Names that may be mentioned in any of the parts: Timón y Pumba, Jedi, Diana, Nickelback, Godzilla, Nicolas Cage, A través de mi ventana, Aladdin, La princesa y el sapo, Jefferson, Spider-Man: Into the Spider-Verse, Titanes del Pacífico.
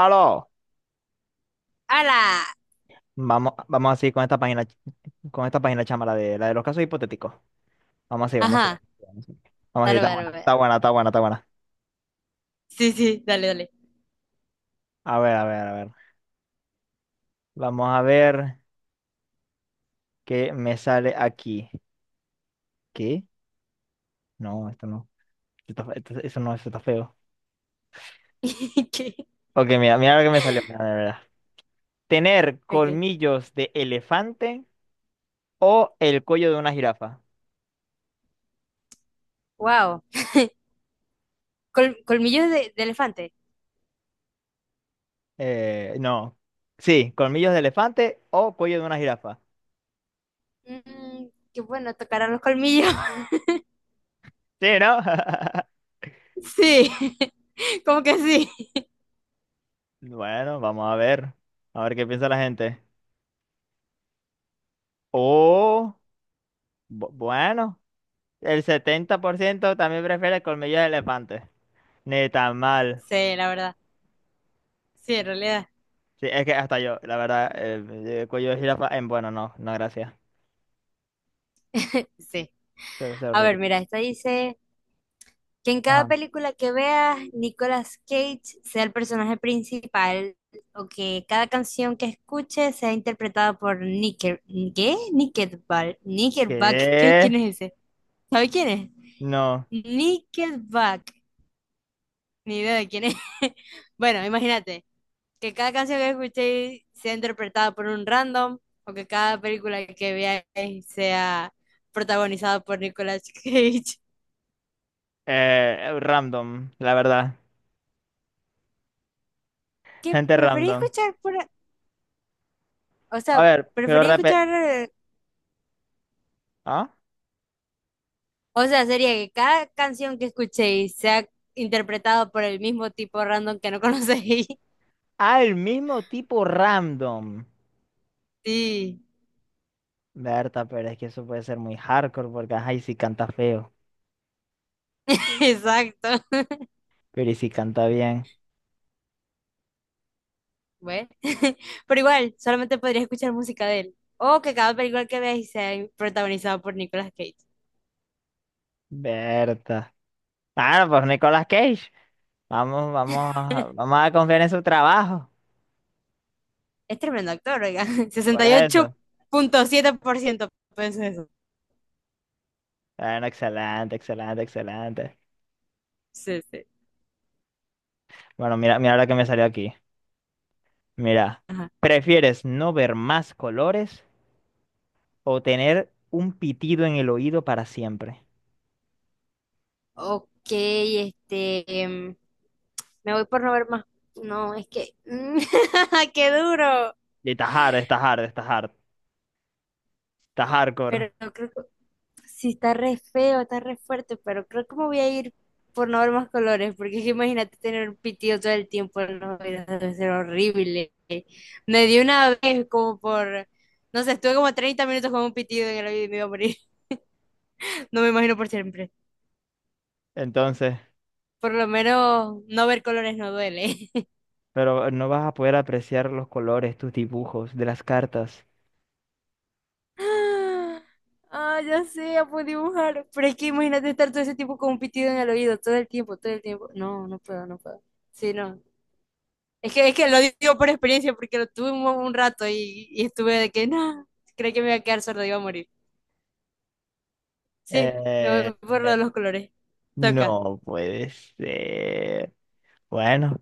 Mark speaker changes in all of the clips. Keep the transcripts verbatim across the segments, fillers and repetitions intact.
Speaker 1: Aló,
Speaker 2: ¡Hala!
Speaker 1: vamos, vamos así con esta página, con esta página chama, la de, la de los casos hipotéticos. Vamos así, vamos así.
Speaker 2: Ajá,
Speaker 1: Vamos así, vamos así,
Speaker 2: dale,
Speaker 1: está
Speaker 2: dale,
Speaker 1: buena,
Speaker 2: dale.
Speaker 1: está
Speaker 2: Dale.
Speaker 1: buena, está buena, está buena.
Speaker 2: Sí, sí, dale, dale.
Speaker 1: A ver, a ver, a ver. Vamos a ver qué me sale aquí. ¿Qué? No, esto no. Esto está fe- esto- Eso no, eso está feo.
Speaker 2: ¿Qué?
Speaker 1: Ok, mira, mira lo que me salió, mira, mira, mira. ¿Tener
Speaker 2: Okay.
Speaker 1: colmillos de elefante o el cuello de una jirafa?
Speaker 2: Wow. Col- colmillos de, de elefante.
Speaker 1: Eh, no. Sí, colmillos de elefante o cuello de una jirafa.
Speaker 2: Mm, qué bueno, tocarán los colmillos.
Speaker 1: Sí, ¿no?
Speaker 2: Sí, como que sí.
Speaker 1: Bueno, vamos a ver. A ver qué piensa la gente. Oh, bu- bueno, el setenta por ciento también prefiere colmillos de elefante. Ni tan mal.
Speaker 2: Sí, la verdad. Sí, en realidad.
Speaker 1: Sí, es que hasta yo, la verdad, el, cuello de jirafa, em, bueno, no, no, gracias.
Speaker 2: Sí.
Speaker 1: Se ve
Speaker 2: A ver,
Speaker 1: horrible.
Speaker 2: mira, esta dice que en cada
Speaker 1: Ajá.
Speaker 2: película que veas, Nicolas Cage sea el personaje principal o que cada canción que escuches sea interpretada por Nickel, ¿qué? Nickelback. Nickelback, ¿qué? ¿Quién
Speaker 1: ¿Qué?
Speaker 2: es ese? ¿Sabe quién es?
Speaker 1: No.
Speaker 2: Nickelback, ni idea de quién es. Bueno, imagínate que cada canción que escuchéis sea interpretada por un random o que cada película que veáis sea protagonizada por Nicolas Cage.
Speaker 1: Eh, random, la verdad.
Speaker 2: Que
Speaker 1: Gente
Speaker 2: preferí
Speaker 1: random.
Speaker 2: escuchar por, o
Speaker 1: A
Speaker 2: sea,
Speaker 1: ver, pero
Speaker 2: preferí
Speaker 1: repe...
Speaker 2: escuchar, eh,
Speaker 1: ¿Ah?
Speaker 2: o sea, sería que cada canción que escuchéis sea interpretada por el mismo tipo random que no conocéis.
Speaker 1: Ah, el mismo tipo random.
Speaker 2: Sí,
Speaker 1: Berta, pero es que eso puede ser muy hardcore porque, ajá, y si canta feo.
Speaker 2: exacto.
Speaker 1: Pero ¿y si canta bien?
Speaker 2: Bueno, pero igual, solamente podría escuchar música de él. O que cada película que veáis sea protagonizada por Nicolas Cage.
Speaker 1: Berta. Bueno, pues Nicolas Cage. Vamos, vamos, a- vamos a confiar en su trabajo.
Speaker 2: Es tremendo actor, oiga.
Speaker 1: Por
Speaker 2: sesenta y ocho
Speaker 1: eso.
Speaker 2: punto siete por ciento, piensa eso.
Speaker 1: Bueno, excelente, excelente, excelente.
Speaker 2: Sí, sí.
Speaker 1: Bueno, mira, mira lo que me salió aquí. Mira,
Speaker 2: Ajá.
Speaker 1: ¿prefieres no ver más colores o tener un pitido en el oído para siempre?
Speaker 2: Ok, este. Em, me voy por no ver más. No, es que. ¡Qué duro!
Speaker 1: Y está hard, está hard, está hard, está hardcore.
Speaker 2: Pero creo Sí, está re feo, está re fuerte, pero creo que me voy a ir por no ver más colores, porque es que imagínate tener un pitido todo el tiempo en los oídos, debe ser horrible. Me dio una vez como por, no sé, estuve como treinta minutos con un pitido en el oído y me iba a morir. No me imagino por siempre.
Speaker 1: Entonces,
Speaker 2: Por lo menos no ver colores no duele.
Speaker 1: pero no vas a poder apreciar los colores, tus dibujos de las cartas.
Speaker 2: Ah, ah, ya sé, ya puedo dibujar. Pero es que imagínate estar todo ese tiempo con un pitido en el oído, todo el tiempo, todo el tiempo. No, no puedo, no puedo. Sí, no. Es que, es que lo digo por experiencia, porque lo tuve un, un rato y, y estuve de que, no, creo que me iba a quedar sordo, iba a morir. Sí, me
Speaker 1: Eh,
Speaker 2: por lo
Speaker 1: eh,
Speaker 2: de los colores. Toca.
Speaker 1: No puede ser. Bueno,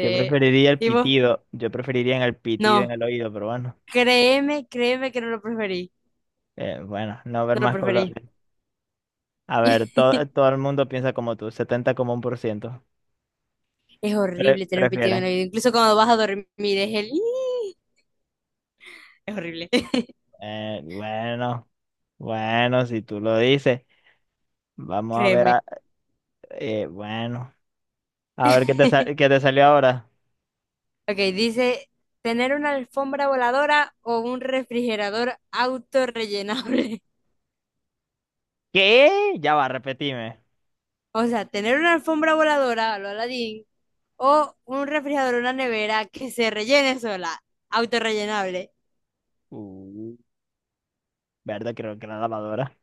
Speaker 1: yo preferiría el
Speaker 2: ¿Y vos?
Speaker 1: pitido. Yo preferiría en el pitido en
Speaker 2: No,
Speaker 1: el oído, pero bueno.
Speaker 2: créeme, créeme que no lo preferí.
Speaker 1: Eh, bueno, no ver
Speaker 2: No lo
Speaker 1: más colores.
Speaker 2: preferí.
Speaker 1: A ver, to- todo el mundo piensa como tú, setenta como un por ciento.
Speaker 2: Es
Speaker 1: Pre-
Speaker 2: horrible tener un pitido en
Speaker 1: prefieren.
Speaker 2: el oído. Incluso cuando vas a dormir, es el... "Ih". Es horrible.
Speaker 1: Eh, bueno, bueno, si tú lo dices. Vamos a ver,
Speaker 2: Créeme.
Speaker 1: a- eh, bueno. A ver qué te, sa- qué te salió ahora.
Speaker 2: Ok, dice, tener una alfombra voladora o un refrigerador autorrellenable.
Speaker 1: ¿Qué? Ya va, repetime.
Speaker 2: O sea, tener una alfombra voladora a lo Aladdin o un refrigerador, una nevera que se rellene sola, autorrellenable.
Speaker 1: Uh, verdad, creo que la lavadora.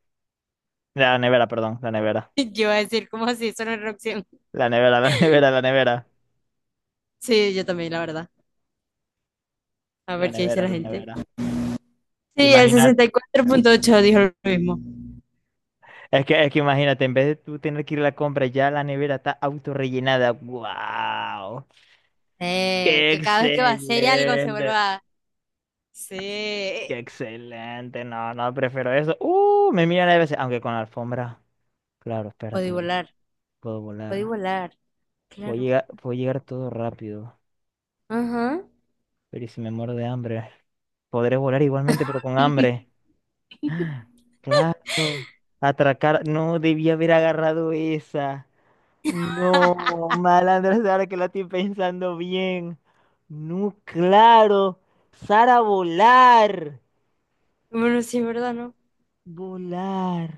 Speaker 1: La nevera, perdón, la nevera.
Speaker 2: Yo iba a decir, ¿cómo así? Eso no es una opción.
Speaker 1: La nevera, la nevera, la nevera.
Speaker 2: Sí, yo también, la verdad. A
Speaker 1: La
Speaker 2: ver qué dice
Speaker 1: nevera,
Speaker 2: la
Speaker 1: la
Speaker 2: gente.
Speaker 1: nevera.
Speaker 2: Sí, el
Speaker 1: Imagínate,
Speaker 2: sesenta y cuatro punto ocho dijo lo mismo.
Speaker 1: es que, es que imagínate, en vez de tú tener que ir a la compra, ya la nevera está autorrellenada. ¡Wow!
Speaker 2: Eh,
Speaker 1: ¡Qué
Speaker 2: que cada vez que vacíe algo se
Speaker 1: excelente!
Speaker 2: vuelva. Sí.
Speaker 1: ¡Qué excelente! No, no, prefiero eso. ¡Uh! Me miran a veces, aunque con la alfombra. Claro,
Speaker 2: Podí
Speaker 1: espérate,
Speaker 2: volar.
Speaker 1: puedo
Speaker 2: Podí
Speaker 1: volar.
Speaker 2: volar.
Speaker 1: Puedo
Speaker 2: Claro.
Speaker 1: llegar, puedo llegar todo rápido.
Speaker 2: Ajá.
Speaker 1: Pero ¿y si me muero de hambre? Podré volar igualmente, pero con hambre. Claro. Atracar. No, debí haber agarrado esa. No, malandra ahora que lo estoy pensando bien. No, claro. Sara, volar.
Speaker 2: Bueno, sí, es verdad, ¿no?
Speaker 1: Volar.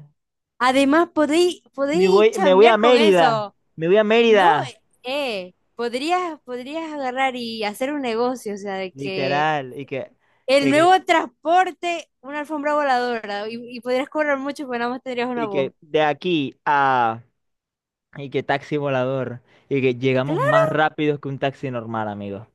Speaker 2: Además, podéis,
Speaker 1: Me
Speaker 2: podéis
Speaker 1: voy, me voy a
Speaker 2: chambear con
Speaker 1: Mérida.
Speaker 2: eso.
Speaker 1: Me voy a
Speaker 2: No,
Speaker 1: Mérida.
Speaker 2: eh, eh, podrías, podrías agarrar y hacer un negocio, o sea, de que
Speaker 1: Literal. Y que,
Speaker 2: el
Speaker 1: y que,
Speaker 2: nuevo transporte, una alfombra voladora, y, y podrías cobrar mucho, pero nada más tendrías una
Speaker 1: y
Speaker 2: voz.
Speaker 1: que de aquí a. Y que taxi volador. Y que llegamos más
Speaker 2: Claro.
Speaker 1: rápido que un taxi normal, amigo.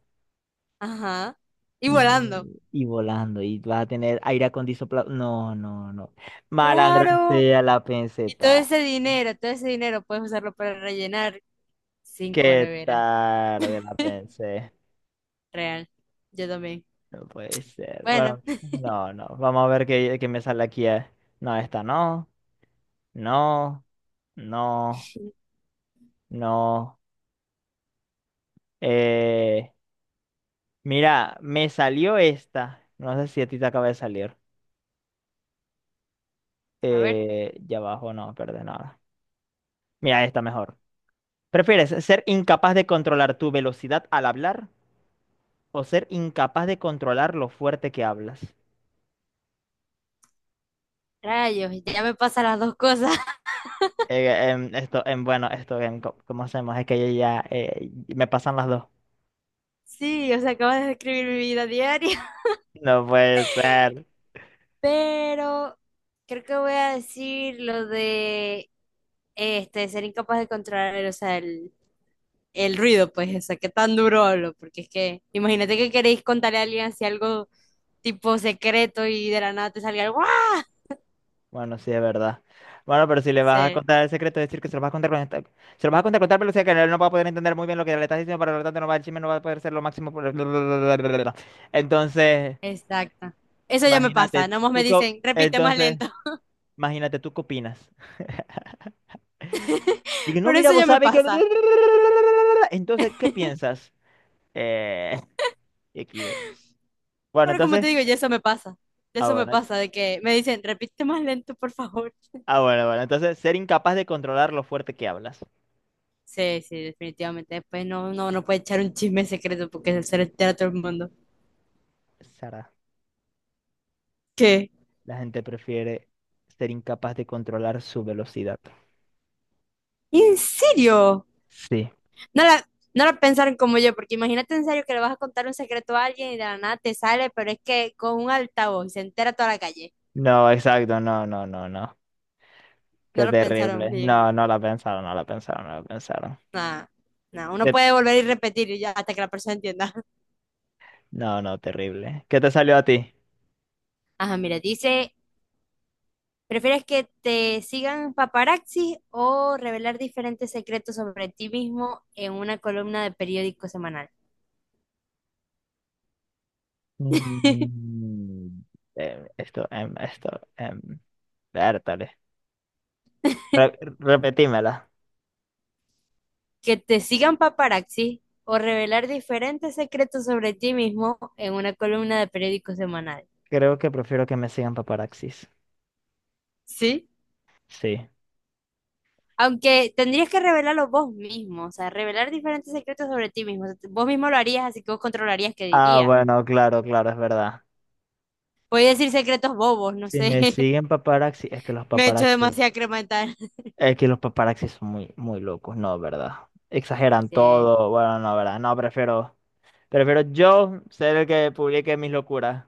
Speaker 2: Ajá. Y
Speaker 1: No,
Speaker 2: volando.
Speaker 1: y volando. Y vas a tener aire acondicionado. No, no, no. Malandra
Speaker 2: Claro.
Speaker 1: sea la
Speaker 2: Y todo
Speaker 1: penseta.
Speaker 2: ese dinero, todo ese dinero puedes usarlo para rellenar cinco
Speaker 1: Qué
Speaker 2: neveras.
Speaker 1: tarde la pensé.
Speaker 2: Real. Yo también.
Speaker 1: No puede ser.
Speaker 2: Bueno,
Speaker 1: Bueno, no, no. Vamos a ver qué, qué me sale aquí. eh. No, esta no. No, no, no. Eh, mira, me salió esta. No sé si a ti te acaba de salir.
Speaker 2: a ver.
Speaker 1: Eh, ya abajo no, perdón, nada. Mira, esta mejor. ¿Prefieres ser incapaz de controlar tu velocidad al hablar o ser incapaz de controlar lo fuerte que hablas?
Speaker 2: Rayos, ya me pasan las dos cosas.
Speaker 1: Eh, em, esto, em, bueno, esto, em, co- ¿cómo hacemos? Es que yo ya eh, me pasan las dos.
Speaker 2: Sí, o sea, acabas de describir mi vida diaria.
Speaker 1: No puede ser.
Speaker 2: Pero creo que voy a decir lo de este, ser incapaz de controlar, o sea, el, el ruido, pues, o sea, qué tan duro hablo, porque es que imagínate que queréis contarle a alguien así algo tipo secreto y de la nada te salga algo, ¡guau!
Speaker 1: Bueno, sí, es verdad. Bueno, pero si le vas a
Speaker 2: Sí,
Speaker 1: contar el secreto, es decir que se lo vas a contar con esta- se lo vas a contar con tal velocidad que él no va a poder entender muy bien lo que le estás diciendo, pero lo tanto no va, el chisme no va a poder ser lo máximo. por- Entonces,
Speaker 2: exacto. Eso ya me pasa,
Speaker 1: imagínate,
Speaker 2: nomás me
Speaker 1: tú qué, o-
Speaker 2: dicen, repite más
Speaker 1: entonces,
Speaker 2: lento,
Speaker 1: imagínate, ¿tú qué opinas? Dije, no,
Speaker 2: pero
Speaker 1: mira,
Speaker 2: eso ya
Speaker 1: vos
Speaker 2: me
Speaker 1: sabés que...
Speaker 2: pasa.
Speaker 1: Entonces, ¿qué piensas? Eh, X D. Bueno,
Speaker 2: Pero como te
Speaker 1: entonces,
Speaker 2: digo, ya eso me pasa. Ya
Speaker 1: ah,
Speaker 2: Eso me
Speaker 1: bueno,
Speaker 2: pasa, de que me dicen, repite más lento, por favor.
Speaker 1: Ah, bueno, bueno. Entonces, ser incapaz de controlar lo fuerte que hablas.
Speaker 2: Sí, sí, definitivamente. Después no, no, no puede echar un chisme secreto porque se lo entera todo el mundo.
Speaker 1: Sara,
Speaker 2: ¿Qué?
Speaker 1: la gente prefiere ser incapaz de controlar su velocidad.
Speaker 2: ¿En serio?
Speaker 1: Sí.
Speaker 2: No la, no la pensaron como yo, porque imagínate en serio que le vas a contar un secreto a alguien y de la nada te sale, pero es que con un altavoz y se entera toda la calle.
Speaker 1: No, exacto. No, no, no, no.
Speaker 2: No
Speaker 1: Qué
Speaker 2: lo pensaron
Speaker 1: terrible.
Speaker 2: bien.
Speaker 1: No, no la pensaron, no la pensaron, no la pensaron.
Speaker 2: Nada, nada. Uno
Speaker 1: ¿Qué t-
Speaker 2: puede volver y repetir y ya hasta que la persona entienda.
Speaker 1: No, no, terrible. ¿Qué te salió a ti?
Speaker 2: Ajá, mira, dice, ¿prefieres que te sigan paparazzi o revelar diferentes secretos sobre ti mismo en una columna de periódico semanal?
Speaker 1: Mm, em, esto, em, esto, em, vértale. Re- repetímela.
Speaker 2: Que te sigan paparazzi o revelar diferentes secretos sobre ti mismo en una columna de periódico semanal.
Speaker 1: Creo que prefiero que me sigan paparaxis.
Speaker 2: ¿Sí?
Speaker 1: Sí.
Speaker 2: Aunque tendrías que revelarlo vos mismo, o sea, revelar diferentes secretos sobre ti mismo. O sea, vos mismo lo harías, así que vos controlarías qué
Speaker 1: Ah,
Speaker 2: dirías.
Speaker 1: bueno, claro, claro, es verdad.
Speaker 2: Voy a decir secretos bobos, no
Speaker 1: Si
Speaker 2: sé.
Speaker 1: me siguen paparazzi, es que los
Speaker 2: Me he hecho
Speaker 1: paparazzi,
Speaker 2: demasiada crema dental.
Speaker 1: es que los paparazzi son muy, muy locos, no, ¿verdad? Exageran
Speaker 2: Sí,
Speaker 1: todo, bueno, no, ¿verdad? No, prefiero, prefiero yo ser el que publique mis locuras.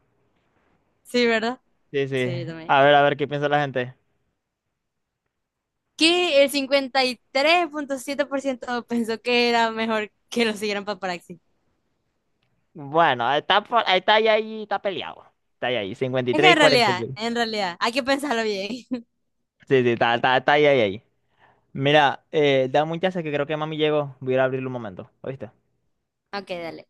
Speaker 2: sí, ¿verdad?
Speaker 1: Sí, sí.
Speaker 2: Sí, yo también.
Speaker 1: A ver, a ver qué piensa la gente.
Speaker 2: Que el cincuenta y tres punto siete por ciento pensó que era mejor que lo siguieran paparazzi.
Speaker 1: Bueno, está, por- está ahí, ahí, está peleado. Está ahí, ahí,
Speaker 2: Es que
Speaker 1: cincuenta y tres y
Speaker 2: en realidad,
Speaker 1: cuarenta y seis.
Speaker 2: en realidad, hay que pensarlo bien.
Speaker 1: Sí, sí, está, está, está ahí, ahí, ahí. Mira, eh, dame un chance que creo que mami llegó. Voy a ir a abrirle un momento, ¿oíste?
Speaker 2: Ok, dale.